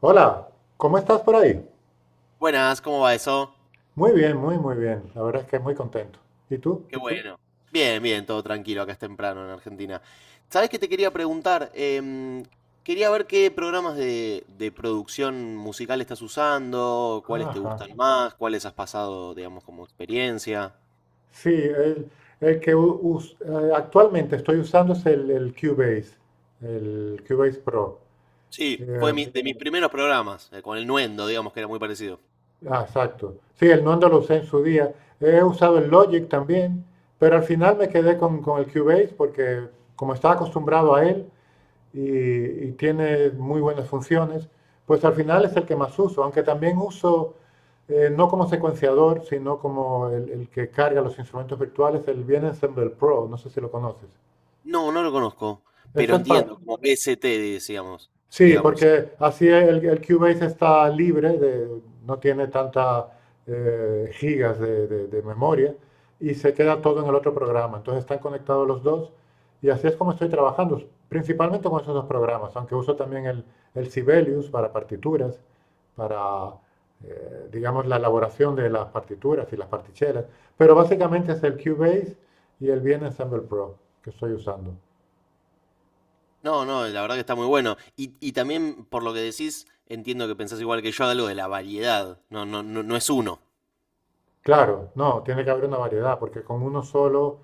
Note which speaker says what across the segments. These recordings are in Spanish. Speaker 1: Hola, ¿cómo estás por ahí?
Speaker 2: Buenas, ¿cómo va eso?
Speaker 1: Muy bien, muy, muy bien. La verdad es que muy contento. ¿Y tú?
Speaker 2: Qué bueno. Bien, bien, todo tranquilo, acá es temprano en Argentina. ¿Sabés qué te quería preguntar? Quería ver qué programas de producción musical estás usando, cuáles te
Speaker 1: Ajá.
Speaker 2: gustan más, cuáles has pasado, digamos, como experiencia.
Speaker 1: Sí, el que actualmente estoy usando es el Cubase Pro.
Speaker 2: Sí, fue
Speaker 1: Eh,
Speaker 2: de mis primeros programas, con el Nuendo, digamos, que era muy parecido.
Speaker 1: exacto. Sí, el Nondo lo usé en su día. He usado el Logic también, pero al final me quedé con el Cubase porque como estaba acostumbrado a él, y tiene muy buenas funciones, pues al final es el que más uso, aunque también uso no como secuenciador, sino como el que carga los instrumentos virtuales, el Bien Ensemble Pro, no sé si lo conoces.
Speaker 2: No, no lo conozco, pero
Speaker 1: Eso es para,
Speaker 2: entiendo, como PST, decíamos,
Speaker 1: sí,
Speaker 2: digamos.
Speaker 1: porque así el Cubase está libre, no tiene tantas gigas de, de memoria y se queda todo en el otro programa. Entonces están conectados los dos y así es como estoy trabajando, principalmente con esos dos programas, aunque uso también el Sibelius para partituras, para, digamos, la elaboración de las partituras y las partichelas. Pero básicamente es el Cubase y el VN Ensemble Pro que estoy usando.
Speaker 2: No, no, la verdad que está muy bueno. Y también, por lo que decís, entiendo que pensás igual que yo de algo de la variedad. No, no, no, no es uno.
Speaker 1: Claro, no, tiene que haber una variedad, porque con uno solo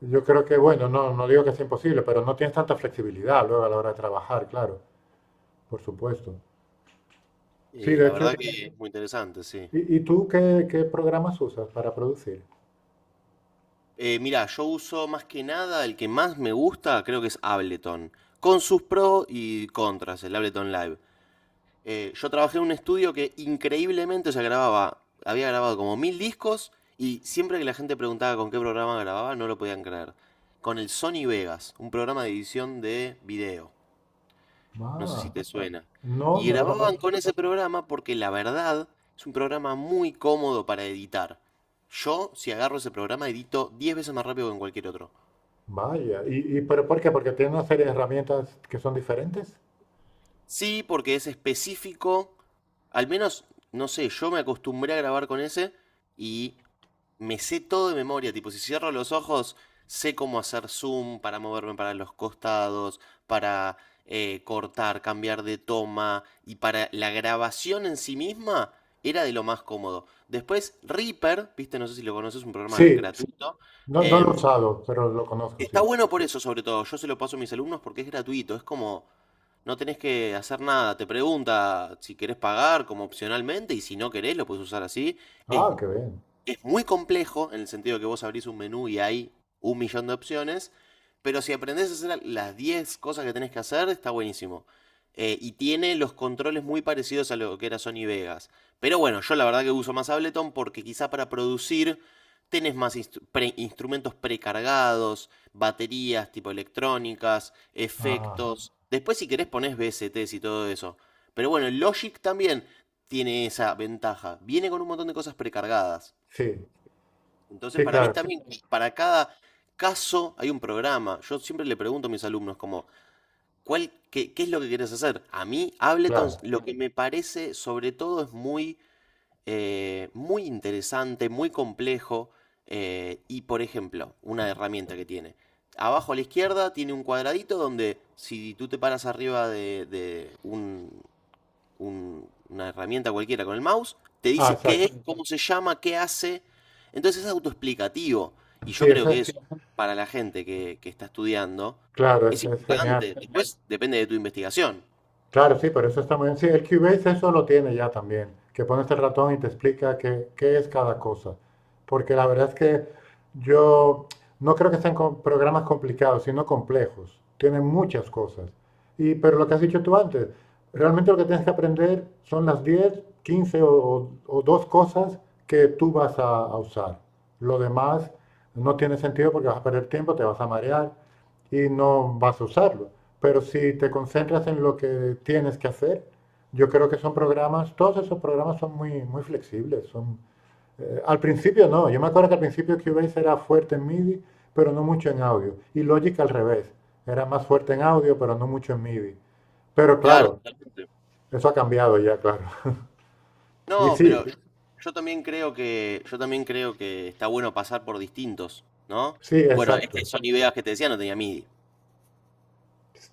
Speaker 1: yo creo que, bueno, no, no digo que sea imposible, pero no tienes tanta flexibilidad luego a la hora de trabajar, claro, por supuesto. Sí, de
Speaker 2: La
Speaker 1: hecho,
Speaker 2: verdad que es muy interesante, sí.
Speaker 1: y tú qué, qué programas usas para producir?
Speaker 2: Mira, yo uso más que nada el que más me gusta, creo que es Ableton, con sus pros y contras, el Ableton Live. Yo trabajé en un estudio que increíblemente se grababa, había grabado como mil discos y siempre que la gente preguntaba con qué programa grababa no lo podían creer. Con el Sony Vegas, un programa de edición de video. No sé si
Speaker 1: Ah,
Speaker 2: te suena.
Speaker 1: no,
Speaker 2: Y
Speaker 1: no lo
Speaker 2: grababan
Speaker 1: conozco.
Speaker 2: con ese programa porque la verdad es un programa muy cómodo para editar. Yo, si agarro ese programa, edito 10 veces más rápido que en cualquier otro.
Speaker 1: Vaya, y pero por qué? Porque tiene una serie de herramientas que son diferentes.
Speaker 2: Sí, porque es específico. Al menos, no sé, yo me acostumbré a grabar con ese y me sé todo de memoria, tipo, si cierro los ojos, sé cómo hacer zoom para moverme para los costados, para cortar, cambiar de toma, y para la grabación en sí misma era de lo más cómodo. Después, Reaper, viste, no sé si lo conoces, es un programa
Speaker 1: Sí,
Speaker 2: gratuito.
Speaker 1: no, no lo he
Speaker 2: em,
Speaker 1: usado, pero lo conozco,
Speaker 2: Está
Speaker 1: sí.
Speaker 2: bueno por eso, sobre todo. Yo se lo paso a mis alumnos porque es gratuito, es como... No tenés que hacer nada, te pregunta si querés pagar como opcionalmente y si no querés lo puedes usar así. Es
Speaker 1: Ah, qué bien.
Speaker 2: es muy complejo en el sentido que vos abrís un menú y hay un millón de opciones, pero si aprendés a hacer las 10 cosas que tenés que hacer, está buenísimo. Y tiene los controles muy parecidos a lo que era Sony Vegas. Pero bueno, yo la verdad que uso más Ableton porque quizá para producir tenés más instrumentos precargados, baterías tipo electrónicas,
Speaker 1: Ah,
Speaker 2: efectos. Después si querés ponés VSTs y todo eso. Pero bueno, Logic también tiene esa ventaja. Viene con un montón de cosas precargadas.
Speaker 1: sí,
Speaker 2: Entonces,
Speaker 1: sí,
Speaker 2: para mí
Speaker 1: claro,
Speaker 2: también, para cada caso hay un programa. Yo siempre le pregunto a mis alumnos como, ¿ qué es lo que quieres hacer? A mí, Ableton,
Speaker 1: claro.
Speaker 2: lo que me parece sobre todo es muy, muy interesante, muy complejo. Y, por ejemplo, una herramienta que tiene. Abajo a la izquierda tiene un cuadradito donde si tú te paras arriba de un, una herramienta cualquiera con el mouse, te
Speaker 1: Ah,
Speaker 2: dice qué
Speaker 1: exacto.
Speaker 2: es, cómo se llama, qué hace. Entonces es autoexplicativo. Y
Speaker 1: Sí,
Speaker 2: yo creo
Speaker 1: eso
Speaker 2: que
Speaker 1: es,
Speaker 2: eso, para la gente que está estudiando,
Speaker 1: claro,
Speaker 2: es
Speaker 1: eso es genial.
Speaker 2: importante. Después depende de tu investigación.
Speaker 1: Claro, sí, pero eso está muy bien. Sí, el Cubase eso lo tiene ya también, que pones el ratón y te explica qué, qué es cada cosa. Porque la verdad es que yo no creo que sean programas complicados, sino complejos. Tienen muchas cosas. Y, pero lo que has dicho tú antes, realmente lo que tienes que aprender son las 10, 15 o, o dos cosas que tú vas a usar. Lo demás no tiene sentido porque vas a perder tiempo, te vas a marear y no vas a usarlo. Pero si te concentras en lo que tienes que hacer, yo creo que son programas, todos esos programas son muy, muy flexibles. Son, al principio no, yo me acuerdo que al principio Cubase era fuerte en MIDI, pero no mucho en audio. Y Logic al revés, era más fuerte en audio, pero no mucho en MIDI. Pero
Speaker 2: Claro,
Speaker 1: claro,
Speaker 2: totalmente.
Speaker 1: eso ha cambiado ya, claro. Y
Speaker 2: No,
Speaker 1: sí,
Speaker 2: pero yo, yo también creo que, yo también creo que está bueno pasar por distintos, ¿no?
Speaker 1: sí,
Speaker 2: Bueno, este
Speaker 1: exacto.
Speaker 2: Sony Vegas que te decía no tenía MIDI.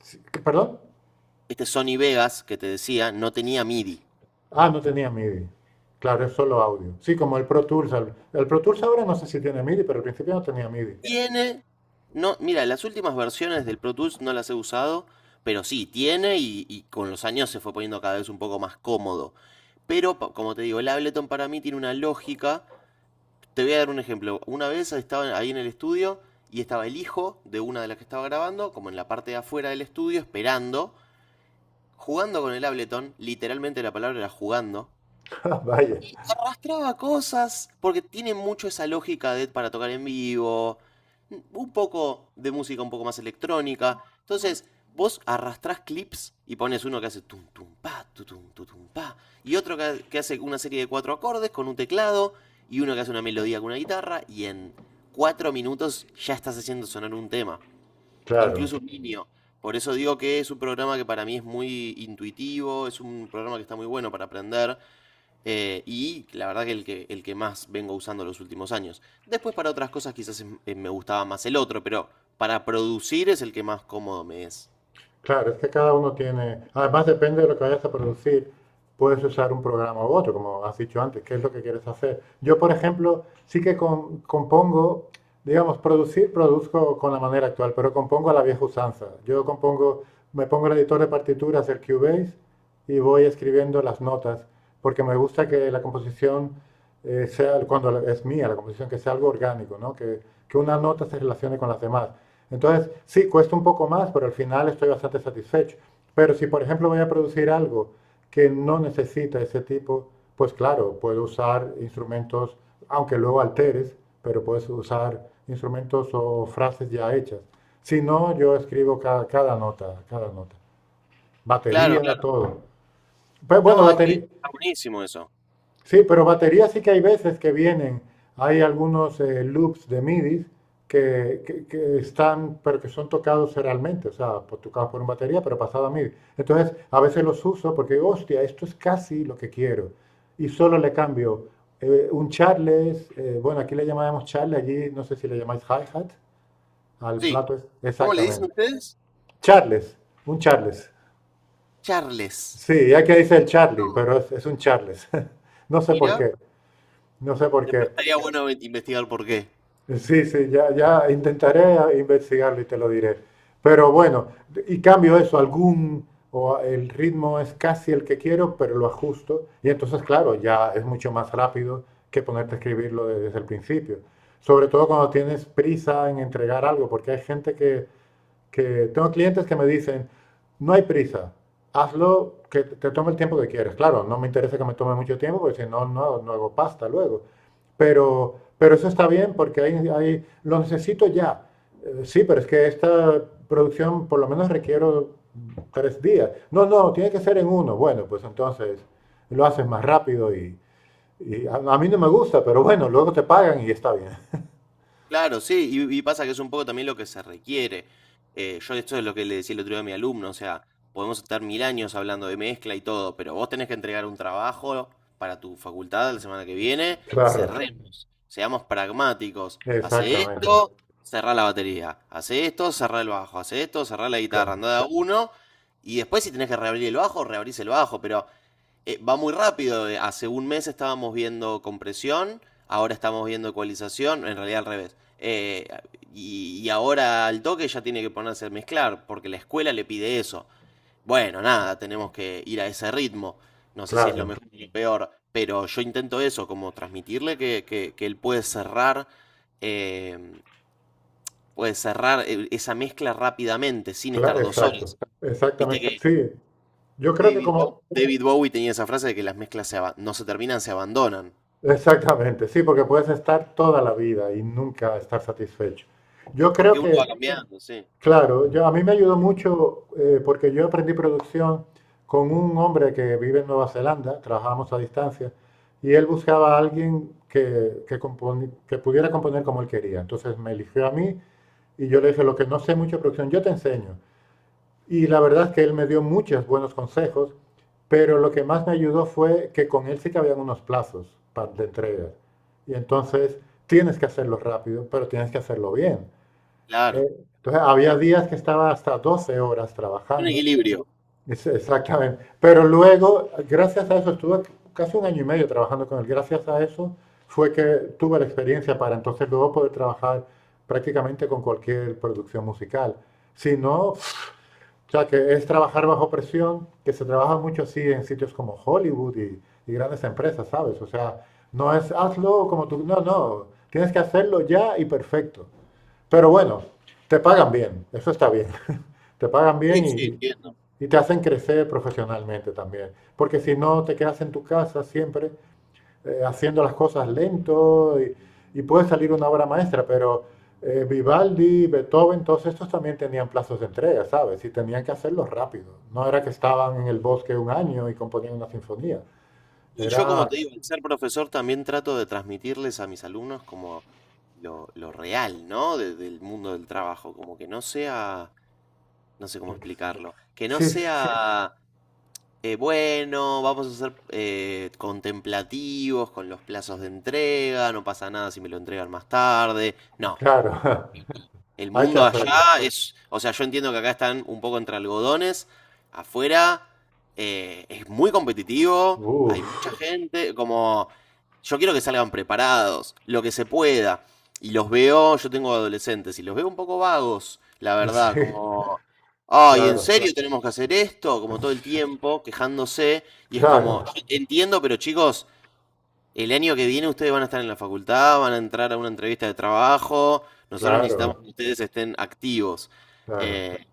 Speaker 1: Sí, ¿perdón?
Speaker 2: Este Sony Vegas que te decía no tenía MIDI.
Speaker 1: Ah, no tenía MIDI. Claro, es solo audio. Sí, como el Pro Tools. El Pro Tools ahora no sé si tiene MIDI, pero al principio no tenía MIDI.
Speaker 2: Tiene No, mira, las últimas versiones del Pro Tools no las he usado, pero sí, tiene y con los años se fue poniendo cada vez un poco más cómodo. Pero, como te digo, el Ableton para mí tiene una lógica. Te voy a dar un ejemplo. Una vez estaba ahí en el estudio y estaba el hijo de una de las que estaba grabando, como en la parte de afuera del estudio, esperando, jugando con el Ableton. Literalmente la palabra era jugando,
Speaker 1: Ah, vaya,
Speaker 2: arrastraba cosas, porque tiene mucho esa lógica de para tocar en vivo, un poco de música un poco más electrónica. Entonces, vos arrastrás clips y pones uno que hace tum tum pa, tu, tum pa, y otro que hace una serie de cuatro acordes con un teclado, y uno que hace una melodía con una guitarra, y en cuatro minutos ya estás haciendo sonar un tema,
Speaker 1: claro.
Speaker 2: incluso un niño. Por eso digo que es un programa que para mí es muy intuitivo, es un programa que está muy bueno para aprender. Y la verdad que que el que más vengo usando los últimos años. Después para otras cosas quizás me gustaba más el otro, pero para producir es el que más cómodo me es.
Speaker 1: Claro, es que cada uno tiene, además depende de lo que vayas a producir, puedes usar un programa u otro, como has dicho antes, qué es lo que quieres hacer. Yo, por ejemplo, sí que compongo, digamos, producir, produzco con la manera actual, pero compongo a la vieja usanza. Yo compongo, me pongo el editor de partituras, el Cubase, y voy escribiendo las notas, porque me gusta que la composición sea, cuando es mía, la composición, que sea algo orgánico, ¿no? Que una nota se relacione con las demás. Entonces, sí, cuesta un poco más, pero al final estoy bastante satisfecho. Pero si, por ejemplo, voy a producir algo que no necesita ese tipo, pues claro, puedo usar instrumentos, aunque luego alteres, pero puedes usar instrumentos o frases ya hechas. Si no, yo escribo cada, cada nota, cada nota.
Speaker 2: Claro,
Speaker 1: Batería,
Speaker 2: claro.
Speaker 1: todo. Pues bueno,
Speaker 2: No, es que
Speaker 1: batería.
Speaker 2: está buenísimo eso.
Speaker 1: Sí, pero baterías sí que hay veces que vienen. Hay algunos loops de MIDI que están, pero que son tocados serialmente, o sea, tocados por una batería, pero pasado a MIDI. Entonces, a veces los uso porque digo, hostia, esto es casi lo que quiero. Y solo le cambio un charles, bueno, aquí le llamamos charle, allí no sé si le llamáis hi-hat, al
Speaker 2: Sí.
Speaker 1: plato es,
Speaker 2: ¿Cómo le dicen
Speaker 1: exactamente.
Speaker 2: ustedes?
Speaker 1: Charles, un charles.
Speaker 2: Charles.
Speaker 1: Sí, ya que dice el Charlie, pero es un charles. No sé por
Speaker 2: Mira,
Speaker 1: qué, no sé por qué.
Speaker 2: después estaría bueno investigar por qué.
Speaker 1: Sí, sí, ya, ya intentaré investigarlo y te lo diré. Pero bueno, y cambio eso, algún, o el ritmo es casi el que quiero, pero lo ajusto. Y entonces, claro, ya es mucho más rápido que ponerte a escribirlo desde el principio. Sobre todo cuando tienes prisa en entregar algo, porque hay gente que tengo clientes que me dicen, no hay prisa, hazlo que te tome el tiempo que quieres. Claro, no me interesa que me tome mucho tiempo porque si no, no hago pasta luego. Pero eso está bien porque ahí, ahí lo necesito ya. Sí, pero es que esta producción por lo menos requiero tres días. No, no, tiene que ser en uno. Bueno, pues entonces lo haces más rápido y a mí no me gusta, pero bueno, luego te pagan y está bien.
Speaker 2: Claro, sí, y pasa que es un poco también lo que se requiere. Yo esto es lo que le decía el otro día a mi alumno, o sea, podemos estar mil años hablando de mezcla y todo, pero vos tenés que entregar un trabajo para tu facultad la semana que viene,
Speaker 1: Claro,
Speaker 2: cerremos, seamos pragmáticos, hace esto.
Speaker 1: exactamente.
Speaker 2: Exactamente. Cerrá la batería, hace esto, cerrá el bajo, hace esto, cerrá la guitarra,
Speaker 1: Claro,
Speaker 2: andá de a uno, y después si tenés que reabrir el bajo, reabrís el bajo, pero va muy rápido. Hace un mes estábamos viendo compresión, ahora estamos viendo ecualización, en realidad al revés. Y ahora al toque ya tiene que ponerse a mezclar, porque la escuela le pide eso. Bueno, nada, tenemos que ir a ese ritmo. No sé si es lo
Speaker 1: claro.
Speaker 2: mejor o lo peor, pero yo intento eso, como transmitirle que él eh, puede cerrar esa mezcla rápidamente, sin estar dos
Speaker 1: Exacto,
Speaker 2: horas. Viste
Speaker 1: exactamente.
Speaker 2: que
Speaker 1: Sí, yo creo que como,
Speaker 2: David Bowie tenía esa frase de que las mezclas no se terminan, se abandonan.
Speaker 1: exactamente, sí, porque puedes estar toda la vida y nunca estar satisfecho.
Speaker 2: Es
Speaker 1: Yo creo
Speaker 2: Porque uno va
Speaker 1: que,
Speaker 2: cambiando, sí.
Speaker 1: claro, yo, a mí me ayudó mucho porque yo aprendí producción con un hombre que vive en Nueva Zelanda, trabajábamos a distancia, y él buscaba a alguien que pudiera componer como él quería. Entonces me eligió a mí y yo le dije, lo que no sé mucho de producción, yo te enseño. Y la verdad es que él me dio muchos buenos consejos, pero lo que más me ayudó fue que con él sí que habían unos plazos de entrega. Y entonces tienes que hacerlo rápido, pero tienes que hacerlo bien.
Speaker 2: Claro.
Speaker 1: Eh, entonces había días que estaba hasta 12 horas
Speaker 2: Un
Speaker 1: trabajando,
Speaker 2: equilibrio.
Speaker 1: exactamente. Pero luego, gracias a eso, estuve casi 1 año y medio trabajando con él. Gracias a eso fue que tuve la experiencia para entonces luego poder trabajar prácticamente con cualquier producción musical. Si no, o sea, que es trabajar bajo presión, que se trabaja mucho así en sitios como Hollywood y grandes empresas, ¿sabes? O sea, no es hazlo como tú, no, no, tienes que hacerlo ya y perfecto. Pero bueno, te pagan bien, eso está bien, te pagan bien
Speaker 2: Sí, sí, entiendo.
Speaker 1: y te hacen crecer profesionalmente también, porque si no te quedas en tu casa siempre haciendo las cosas lento y puede salir una obra maestra, pero Vivaldi, Beethoven, todos estos también tenían plazos de entrega, ¿sabes? Y tenían que hacerlo rápido. No era que estaban en el bosque un año y componían una sinfonía.
Speaker 2: Y yo, como
Speaker 1: Era...
Speaker 2: te digo, al ser profesor también trato de transmitirles a mis alumnos como lo real, ¿no? Del mundo del trabajo. Como que no sea, no sé cómo explicarlo. Que no
Speaker 1: Sí,
Speaker 2: sea, bueno, vamos a ser contemplativos con los plazos de entrega, no pasa nada si me lo entregan más tarde. No,
Speaker 1: claro,
Speaker 2: el
Speaker 1: hay que
Speaker 2: mundo allá
Speaker 1: hacerlo.
Speaker 2: es, o sea, yo entiendo que acá están un poco entre algodones, afuera es muy competitivo, hay
Speaker 1: Uf,
Speaker 2: mucha gente, como, yo quiero que salgan preparados, lo que se pueda. Y los veo, yo tengo adolescentes, y los veo un poco vagos, la verdad,
Speaker 1: sí,
Speaker 2: como, ay, ¿en
Speaker 1: claro,
Speaker 2: serio tenemos que hacer esto? Como todo el tiempo, quejándose, y es como,
Speaker 1: claro,
Speaker 2: yo entiendo, pero chicos, el año que viene ustedes van a estar en la facultad, van a entrar a una entrevista de trabajo. Nosotros necesitamos
Speaker 1: claro,
Speaker 2: que ustedes estén activos.
Speaker 1: claro.
Speaker 2: Eh,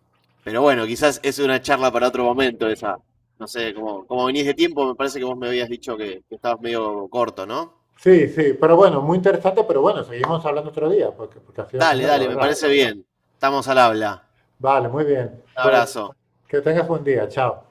Speaker 2: pero bueno, quizás es una charla para otro momento esa. No sé, como, como venís de tiempo, me parece que vos me habías dicho que estabas medio corto, ¿no?
Speaker 1: Sí, sí, pero bueno, muy interesante, pero bueno, seguimos hablando otro día, porque, porque ha sido
Speaker 2: Dale,
Speaker 1: genial, la
Speaker 2: dale, me
Speaker 1: verdad.
Speaker 2: parece bien. Estamos al habla.
Speaker 1: Vale, muy bien.
Speaker 2: Un
Speaker 1: Pues
Speaker 2: abrazo.
Speaker 1: que tengas buen día. Chao.